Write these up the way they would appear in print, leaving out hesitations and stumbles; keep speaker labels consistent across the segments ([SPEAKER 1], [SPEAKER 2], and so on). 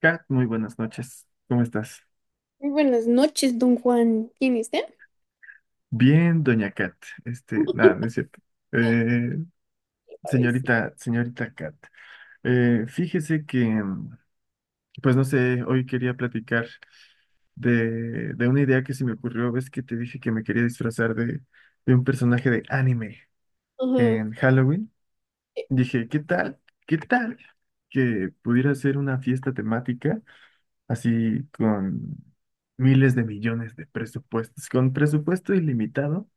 [SPEAKER 1] Kat, muy buenas noches. ¿Cómo estás?
[SPEAKER 2] Muy buenas noches, don Juan. ¿Quién es está?
[SPEAKER 1] Bien, doña Kat. Este, nada, no es cierto. Eh,
[SPEAKER 2] A ver si-
[SPEAKER 1] señorita, señorita Kat, fíjese que, pues no sé, hoy quería platicar de una idea que se me ocurrió. Ves que te dije que me quería disfrazar de un personaje de anime
[SPEAKER 2] Ajá.
[SPEAKER 1] en Halloween.
[SPEAKER 2] Eh,
[SPEAKER 1] Dije, ¿qué tal? ¿Qué tal? Que pudiera ser una fiesta temática así con miles de millones de presupuestos, con presupuesto ilimitado.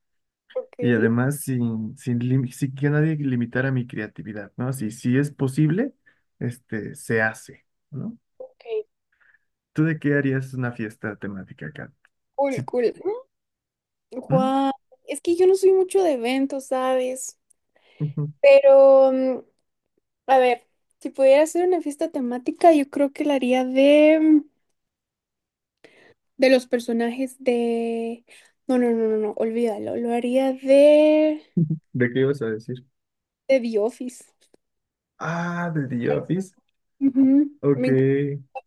[SPEAKER 2] Ok,
[SPEAKER 1] Y además sin que nadie limitara mi creatividad, ¿no? Si es posible, este, se hace, ¿no?
[SPEAKER 2] ok.
[SPEAKER 1] ¿Tú de qué harías una fiesta temática acá?
[SPEAKER 2] Cool,
[SPEAKER 1] Sí.
[SPEAKER 2] cool.
[SPEAKER 1] ¿Mm?
[SPEAKER 2] Juan, es que yo no soy mucho de eventos, ¿sabes?
[SPEAKER 1] Ujú.
[SPEAKER 2] Pero, a ver, si pudiera hacer una fiesta temática, yo creo que la haría de los personajes de... No, no, no, no, no, olvídalo. Lo haría
[SPEAKER 1] ¿De qué ibas a decir?
[SPEAKER 2] de The Office.
[SPEAKER 1] Ah, de The Office.
[SPEAKER 2] Ujú.
[SPEAKER 1] Ok,
[SPEAKER 2] Me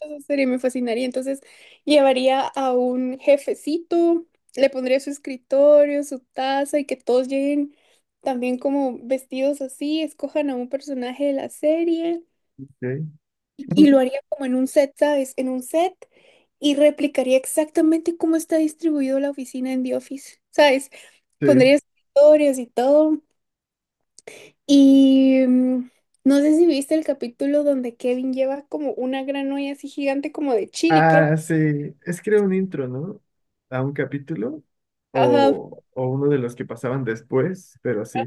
[SPEAKER 2] Esa serie me fascinaría. Entonces, llevaría a un jefecito, le pondría su escritorio, su taza y que todos lleguen también como vestidos así, escojan a un personaje de la serie
[SPEAKER 1] ok.
[SPEAKER 2] y lo haría como en un set, ¿sabes? En un set y replicaría exactamente cómo está distribuido la oficina en The Office, ¿sabes?
[SPEAKER 1] Sí.
[SPEAKER 2] Pondría escritorios y todo. Y no sé si viste el capítulo donde Kevin lleva como una gran olla así gigante como de chili, creo.
[SPEAKER 1] Ah, sí. Es que era un intro, ¿no? A un capítulo
[SPEAKER 2] Ajá,
[SPEAKER 1] o uno de los que pasaban después, pero sí.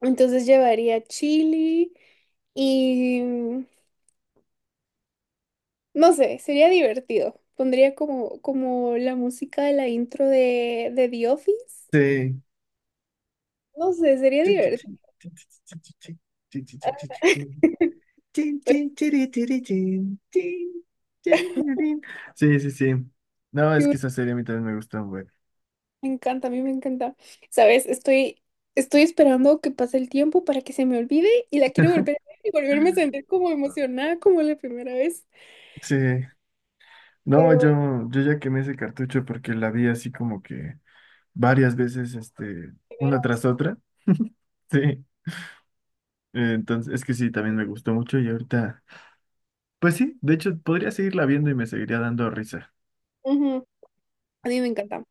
[SPEAKER 2] entonces llevaría chili y no sé, sería divertido. Pondría como, como la música de la intro de The Office.
[SPEAKER 1] Sí.
[SPEAKER 2] No sé, sería divertido.
[SPEAKER 1] Chin,
[SPEAKER 2] Ay,
[SPEAKER 1] chin, chiri, chiri, chin, chin, chiri, chiri, chin. Sí, sí, sí. No,
[SPEAKER 2] Sí,
[SPEAKER 1] es
[SPEAKER 2] güey,
[SPEAKER 1] que esa serie a mí también me gusta, güey.
[SPEAKER 2] me encanta, a mí me encanta. ¿Sabes? Estoy, estoy esperando que pase el tiempo para que se me olvide y la quiero volver a ver y volverme a sentir como emocionada como la primera vez.
[SPEAKER 1] Sí. No,
[SPEAKER 2] Pero la
[SPEAKER 1] yo ya quemé ese cartucho porque la vi así como que varias veces, este,
[SPEAKER 2] primera.
[SPEAKER 1] una tras otra. Sí. Entonces, es que sí, también me gustó mucho y ahorita, pues sí, de hecho, podría seguirla viendo y me seguiría dando risa.
[SPEAKER 2] Ujú, a mí me encanta.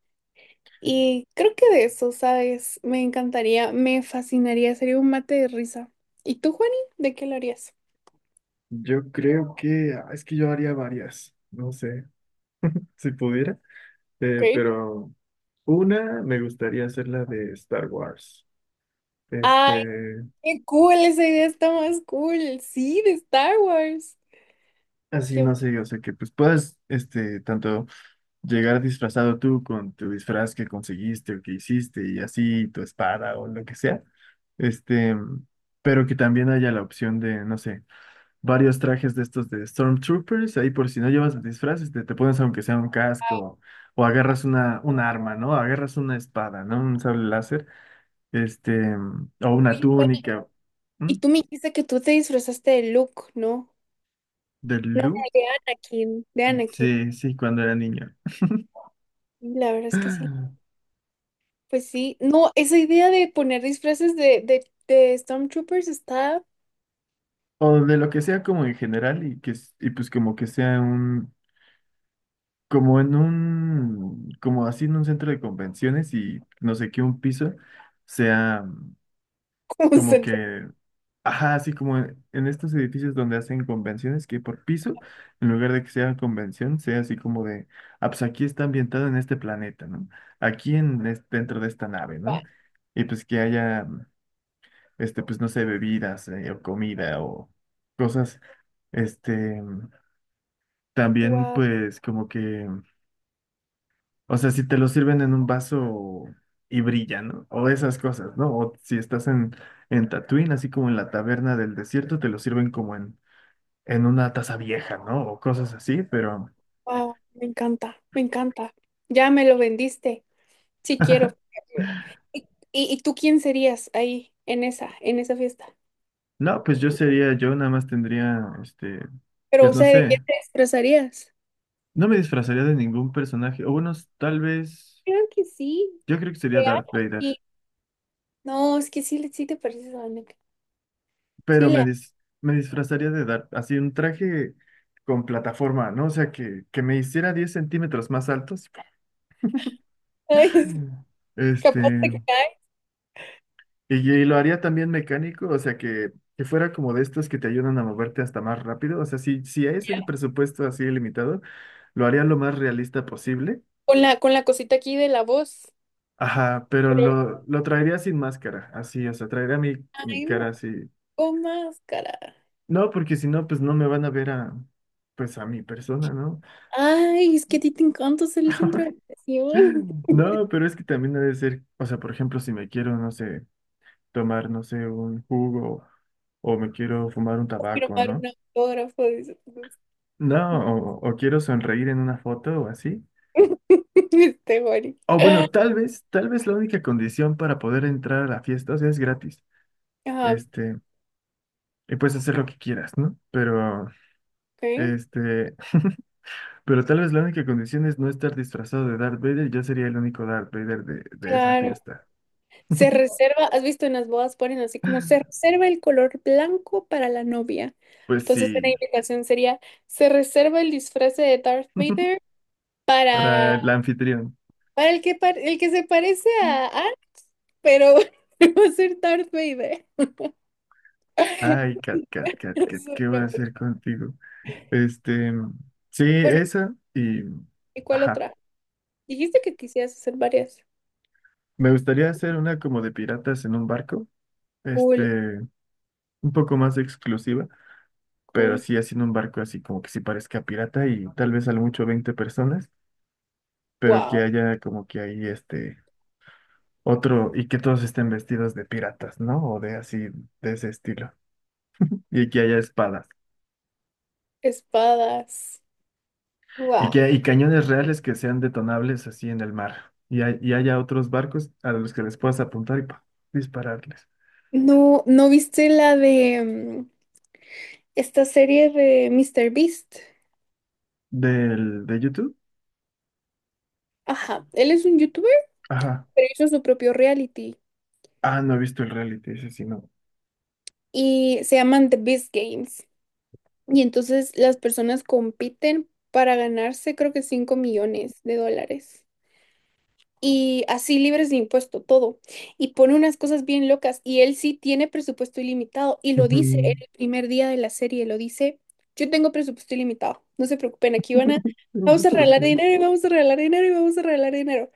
[SPEAKER 2] Y creo que de eso, ¿sabes? Me encantaría, me fascinaría, sería un mate de risa. ¿Y tú, Juani? ¿De qué lo harías?
[SPEAKER 1] Yo creo que, ah, es que yo haría varias, no sé, si pudiera.
[SPEAKER 2] Ok.
[SPEAKER 1] Pero una me gustaría hacer la de Star Wars.
[SPEAKER 2] ¡Ay,
[SPEAKER 1] Este,
[SPEAKER 2] qué cool! Esa idea está más cool. Sí, de Star Wars.
[SPEAKER 1] así
[SPEAKER 2] Qué
[SPEAKER 1] no sé, o sea que pues puedas, este, tanto llegar disfrazado tú con tu disfraz que conseguiste o que hiciste y así tu espada o lo que sea. Este, pero que también haya la opción de, no sé, varios trajes de estos de Stormtroopers, ahí por si no llevas el disfraz, este, te pones aunque sea un casco o agarras un arma, ¿no? Agarras una espada, ¿no? Un sable láser, este, o una
[SPEAKER 2] Oye, Juani,
[SPEAKER 1] túnica.
[SPEAKER 2] y
[SPEAKER 1] ¿M?
[SPEAKER 2] tú me dijiste que tú te disfrazaste de Luke, ¿no?
[SPEAKER 1] de
[SPEAKER 2] No,
[SPEAKER 1] Lu,
[SPEAKER 2] de Anakin, de Anakin.
[SPEAKER 1] sí, sí, cuando era niño.
[SPEAKER 2] Sí, la verdad es que sí. Pues sí. No, esa idea de poner disfraces de Stormtroopers está
[SPEAKER 1] O de lo que sea como en general y que s- y pues como que sea un como en un como así en un centro de convenciones y no sé qué un piso sea
[SPEAKER 2] como
[SPEAKER 1] como
[SPEAKER 2] central.
[SPEAKER 1] que, ajá, así como en estos edificios donde hacen convenciones, que por piso, en lugar de que sea convención, sea así como de, ah, pues aquí está ambientado en este planeta, ¿no? Aquí en, es- dentro de esta nave, ¿no? Y pues que haya, este, pues no sé, bebidas, o comida o cosas, este, también
[SPEAKER 2] Wow,
[SPEAKER 1] pues como que... O sea, si te lo sirven en un vaso y brilla, ¿no? O esas cosas, ¿no? O si estás en Tatooine, así como en la taberna del desierto, te lo sirven como en una taza vieja, ¿no? O cosas así, pero
[SPEAKER 2] wow. Me encanta, me encanta. Ya me lo vendiste. Sí quiero. ¿Y, y tú quién serías ahí en esa fiesta?
[SPEAKER 1] no, pues yo sería, yo nada más tendría, este,
[SPEAKER 2] Pero,
[SPEAKER 1] pues
[SPEAKER 2] o
[SPEAKER 1] no
[SPEAKER 2] sea, ¿de qué
[SPEAKER 1] sé,
[SPEAKER 2] te disfrazarías?
[SPEAKER 1] no me disfrazaría de ningún personaje, o bueno, tal vez,
[SPEAKER 2] Claro que sí,
[SPEAKER 1] yo creo que sería
[SPEAKER 2] de
[SPEAKER 1] Darth Vader,
[SPEAKER 2] Anakin. No, es que sí, le- sí te pareces a Anakin. Sí
[SPEAKER 1] pero
[SPEAKER 2] le haces.
[SPEAKER 1] me disfrazaría de Darth, así un traje con plataforma, ¿no? O sea, que me hiciera 10 centímetros más altos. Este,
[SPEAKER 2] Capaz te cae.
[SPEAKER 1] y lo haría también mecánico, o sea, que fuera como de estos que te ayudan a moverte hasta más rápido. O sea, si es el presupuesto así limitado, lo haría lo más realista posible.
[SPEAKER 2] Con la cosita aquí de la voz.
[SPEAKER 1] Ajá, pero
[SPEAKER 2] Pero,
[SPEAKER 1] lo traería sin máscara, así, o sea, traería mi
[SPEAKER 2] ay,
[SPEAKER 1] cara
[SPEAKER 2] no,
[SPEAKER 1] así.
[SPEAKER 2] con máscara.
[SPEAKER 1] No, porque si no, pues no me van a ver a, pues a mi persona, ¿no?
[SPEAKER 2] Ay, es que a ti te encanta ser el centro de atención.
[SPEAKER 1] No, pero es que también debe ser, o sea, por ejemplo, si me quiero, no sé, tomar, no sé, un jugo o me quiero fumar un tabaco,
[SPEAKER 2] Firmar
[SPEAKER 1] ¿no?
[SPEAKER 2] un autógrafo. Dice,
[SPEAKER 1] No, o quiero sonreír en una foto o así.
[SPEAKER 2] este, Juani.
[SPEAKER 1] O bueno, tal vez la única condición para poder entrar a la fiesta, o sea, es gratis.
[SPEAKER 2] Ajá,
[SPEAKER 1] Este, y puedes hacer lo que quieras, ¿no? Pero,
[SPEAKER 2] ok.
[SPEAKER 1] este, pero tal vez la única condición es no estar disfrazado de Darth Vader. Yo sería el único Darth Vader de esa
[SPEAKER 2] Claro.
[SPEAKER 1] fiesta.
[SPEAKER 2] Se reserva, has visto en las bodas ponen así como se reserva el color blanco para la novia.
[SPEAKER 1] Pues
[SPEAKER 2] Entonces, la
[SPEAKER 1] sí,
[SPEAKER 2] indicación sería, se reserva el disfraz de Darth Vader para,
[SPEAKER 1] para el anfitrión.
[SPEAKER 2] para el que, par- el que se parece a Ant, pero va a ser Darth Vader.
[SPEAKER 1] Ay, Cat, Cat, Cat, Cat, ¿qué voy a hacer contigo? Este, sí,
[SPEAKER 2] Bueno,
[SPEAKER 1] esa y,
[SPEAKER 2] ¿y cuál
[SPEAKER 1] ajá.
[SPEAKER 2] otra? Dijiste que quisieras hacer varias.
[SPEAKER 1] Me gustaría hacer una como de piratas en un barco,
[SPEAKER 2] Cool,
[SPEAKER 1] este, un poco más exclusiva, pero
[SPEAKER 2] cool.
[SPEAKER 1] sí haciendo un barco así como que sí parezca pirata y tal vez a lo mucho 20 personas, pero que
[SPEAKER 2] Wow,
[SPEAKER 1] haya como que ahí este otro y que todos estén vestidos de piratas, ¿no? O de así, de ese estilo. Y que haya espadas
[SPEAKER 2] espadas.
[SPEAKER 1] y que
[SPEAKER 2] Wow.
[SPEAKER 1] y cañones reales que sean detonables así en el mar. Y, hay- y haya otros barcos a los que les puedas apuntar y pa, dispararles.
[SPEAKER 2] No, ¿no viste la de esta serie de Mr. Beast?
[SPEAKER 1] Del, de YouTube.
[SPEAKER 2] Ajá, él es un youtuber,
[SPEAKER 1] Ajá.
[SPEAKER 2] pero hizo su propio reality
[SPEAKER 1] Ah, no he visto el reality, ese sí, no.
[SPEAKER 2] y se llaman The Beast Games. Y entonces las personas compiten para ganarse creo que 5 millones de dólares. Y así libres de impuesto, todo. Y pone unas cosas bien locas. Y él sí tiene presupuesto ilimitado. Y lo dice en
[SPEAKER 1] Ujú.
[SPEAKER 2] el primer día de la serie, lo dice, yo tengo presupuesto ilimitado. No se preocupen, aquí van a,
[SPEAKER 1] Pero
[SPEAKER 2] vamos a
[SPEAKER 1] disculpe.
[SPEAKER 2] regalar
[SPEAKER 1] Ujú,
[SPEAKER 2] dinero y vamos a regalar dinero y vamos a regalar dinero.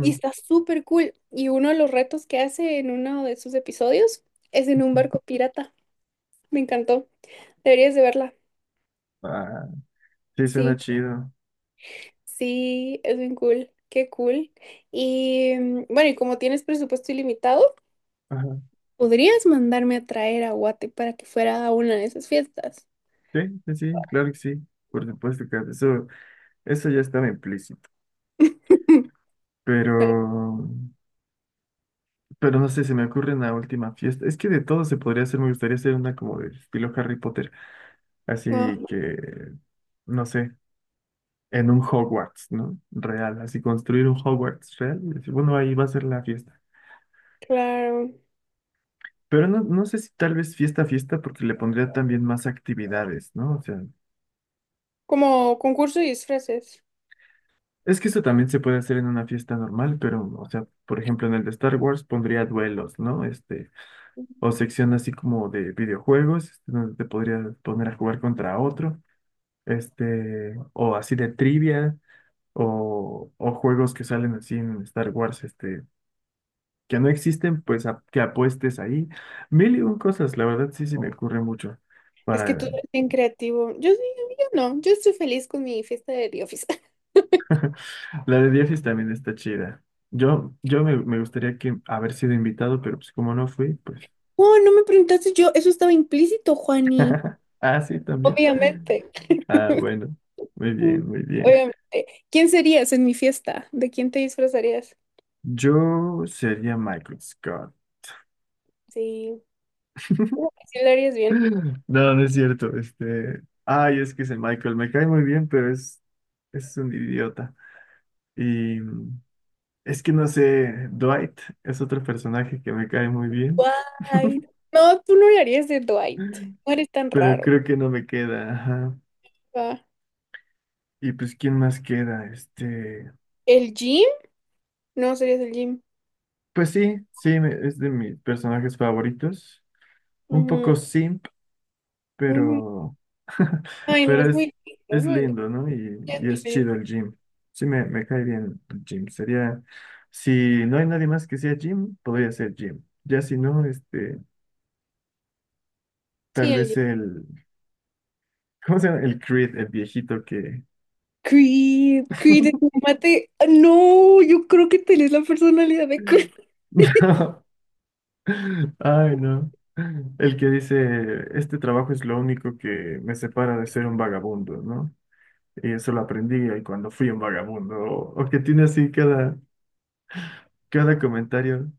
[SPEAKER 2] Y está súper cool. Y uno de los retos que hace en uno de sus episodios es en un
[SPEAKER 1] ujú.
[SPEAKER 2] barco pirata. Me encantó. Deberías de verla.
[SPEAKER 1] Ah, sí, suena
[SPEAKER 2] Sí,
[SPEAKER 1] chido.
[SPEAKER 2] sí, es bien cool. Qué cool. Y bueno, y como tienes presupuesto ilimitado,
[SPEAKER 1] Ajá.
[SPEAKER 2] podrías mandarme a traer a Guate para que fuera a una de esas fiestas.
[SPEAKER 1] Sí, sí, sí, claro que sí. Por supuesto que eso ya estaba implícito.
[SPEAKER 2] Vale.
[SPEAKER 1] Pero, pero no sé, se me ocurre una última fiesta. Es que de todo se podría hacer, me gustaría hacer una como de estilo Harry Potter.
[SPEAKER 2] Ah,
[SPEAKER 1] Así que, no sé, en un Hogwarts, ¿no? Real, así construir un Hogwarts real. Y decir, bueno, ahí va a ser la fiesta.
[SPEAKER 2] claro.
[SPEAKER 1] Pero no, no sé si tal vez fiesta, fiesta, porque le pondría también más actividades, ¿no? O sea.
[SPEAKER 2] Como concurso y disfraces.
[SPEAKER 1] Es que eso también se puede hacer en una fiesta normal, pero, o sea, por ejemplo, en el de Star Wars pondría duelos, ¿no? Este, o sección así como de videojuegos, este, donde te podrías poner a jugar contra otro, este, o así de trivia, o juegos que salen así en Star Wars, este, que no existen, pues a- que apuestes ahí. Mil y un cosas, la verdad sí se me ocurre mucho.
[SPEAKER 2] Es que tú
[SPEAKER 1] Para...
[SPEAKER 2] eres bien creativo. Yo sí, yo no. Yo estoy feliz con mi fiesta de The Office.
[SPEAKER 1] La de Diefis también está chida. Me gustaría que haber sido invitado, pero pues como no fui, pues.
[SPEAKER 2] Oh, no me preguntaste yo, eso estaba implícito, Juani.
[SPEAKER 1] Ah, sí, también.
[SPEAKER 2] Obviamente,
[SPEAKER 1] Ah, bueno. Muy
[SPEAKER 2] mm,
[SPEAKER 1] bien, muy bien.
[SPEAKER 2] obviamente. ¿Quién serías en mi fiesta? ¿De quién te disfrazarías?
[SPEAKER 1] Yo sería Michael Scott.
[SPEAKER 2] Sí, uh, sí lo harías bien.
[SPEAKER 1] No, no es cierto. Este. Ay, es que ese Michael me cae muy bien, pero es un idiota. Y mm, es que no sé, Dwight es otro personaje que me cae muy bien,
[SPEAKER 2] Dwight. No, tú no lo harías de Dwight. No eres tan
[SPEAKER 1] pero
[SPEAKER 2] raro.
[SPEAKER 1] creo que no me queda. Ajá.
[SPEAKER 2] Ah,
[SPEAKER 1] Y pues, ¿quién más queda? Este.
[SPEAKER 2] ¿el Jim? No, serías el Jim.
[SPEAKER 1] Pues sí, sí, me- es de mis personajes favoritos. Un
[SPEAKER 2] Ujú,
[SPEAKER 1] poco sí
[SPEAKER 2] ujú.
[SPEAKER 1] pero,
[SPEAKER 2] Ay, no,
[SPEAKER 1] pero
[SPEAKER 2] es muy lindo, es
[SPEAKER 1] es
[SPEAKER 2] muy lindo.
[SPEAKER 1] lindo, ¿no?
[SPEAKER 2] Ya es
[SPEAKER 1] Y
[SPEAKER 2] muy
[SPEAKER 1] es
[SPEAKER 2] lindo.
[SPEAKER 1] chido el gym. Sí, me cae bien el gym. Sería, si no hay nadie más que sea gym, podría ser gym. Ya si no, este, tal
[SPEAKER 2] Sí, el
[SPEAKER 1] vez
[SPEAKER 2] gym.
[SPEAKER 1] el, ¿cómo se llama? El Creed, el viejito que...
[SPEAKER 2] Creed, Creed, mate. Ah, no, yo creo que tenés la personalidad de Creed.
[SPEAKER 1] No, ay, no. El que dice, este trabajo es lo único que me separa de ser un vagabundo, ¿no? Y eso lo aprendí ahí cuando fui un vagabundo. O que tiene así cada, cada comentario.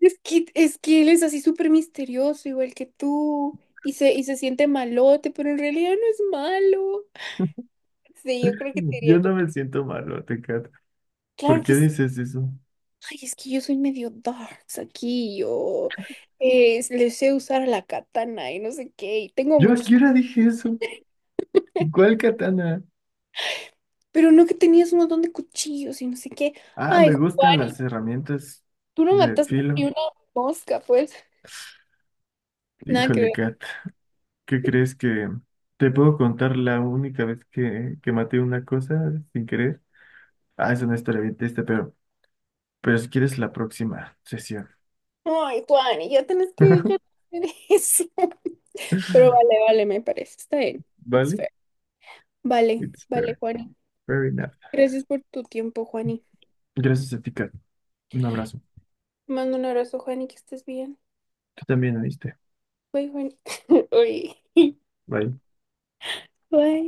[SPEAKER 2] Es que él es así súper misterioso, igual que tú, y se siente malote, pero en realidad no es malo. Sí, yo creo que te diría,
[SPEAKER 1] Yo no me siento malo, Tecate. ¿Por
[SPEAKER 2] claro
[SPEAKER 1] qué
[SPEAKER 2] que sí.
[SPEAKER 1] dices eso?
[SPEAKER 2] Ay, es que yo soy medio darks aquí, yo le sé usar la katana y no sé qué, y tengo
[SPEAKER 1] ¿Yo a
[SPEAKER 2] muchos,
[SPEAKER 1] qué
[SPEAKER 2] cu-
[SPEAKER 1] hora dije eso? ¿Cuál katana?
[SPEAKER 2] pero no que tenías un montón de cuchillos y no sé qué.
[SPEAKER 1] Ah,
[SPEAKER 2] Ay,
[SPEAKER 1] me
[SPEAKER 2] Ju-
[SPEAKER 1] gustan las herramientas
[SPEAKER 2] tú no
[SPEAKER 1] de
[SPEAKER 2] mataste ni
[SPEAKER 1] filo.
[SPEAKER 2] una mosca, pues, nada que
[SPEAKER 1] Híjole,
[SPEAKER 2] ver.
[SPEAKER 1] Kat, ¿qué crees que te puedo contar la única vez que maté una cosa sin querer? Ah, es una historia bien triste, pero si quieres la próxima sesión.
[SPEAKER 2] Ay, Juan, y ya tenés que dejar de hacer eso. Pero vale, vale, me parece, está bien. It's
[SPEAKER 1] ¿Vale?
[SPEAKER 2] fair. Vale,
[SPEAKER 1] It's
[SPEAKER 2] vale,
[SPEAKER 1] fair.
[SPEAKER 2] Juani.
[SPEAKER 1] Fair enough.
[SPEAKER 2] Gracias por tu tiempo, Juani.
[SPEAKER 1] Gracias a ti, Kat. Un abrazo.
[SPEAKER 2] Te mando un abrazo, Juani, que estés bien.
[SPEAKER 1] Tú también, ¿oíste?
[SPEAKER 2] Bye, Juani. Bye.
[SPEAKER 1] Bye.
[SPEAKER 2] Bye.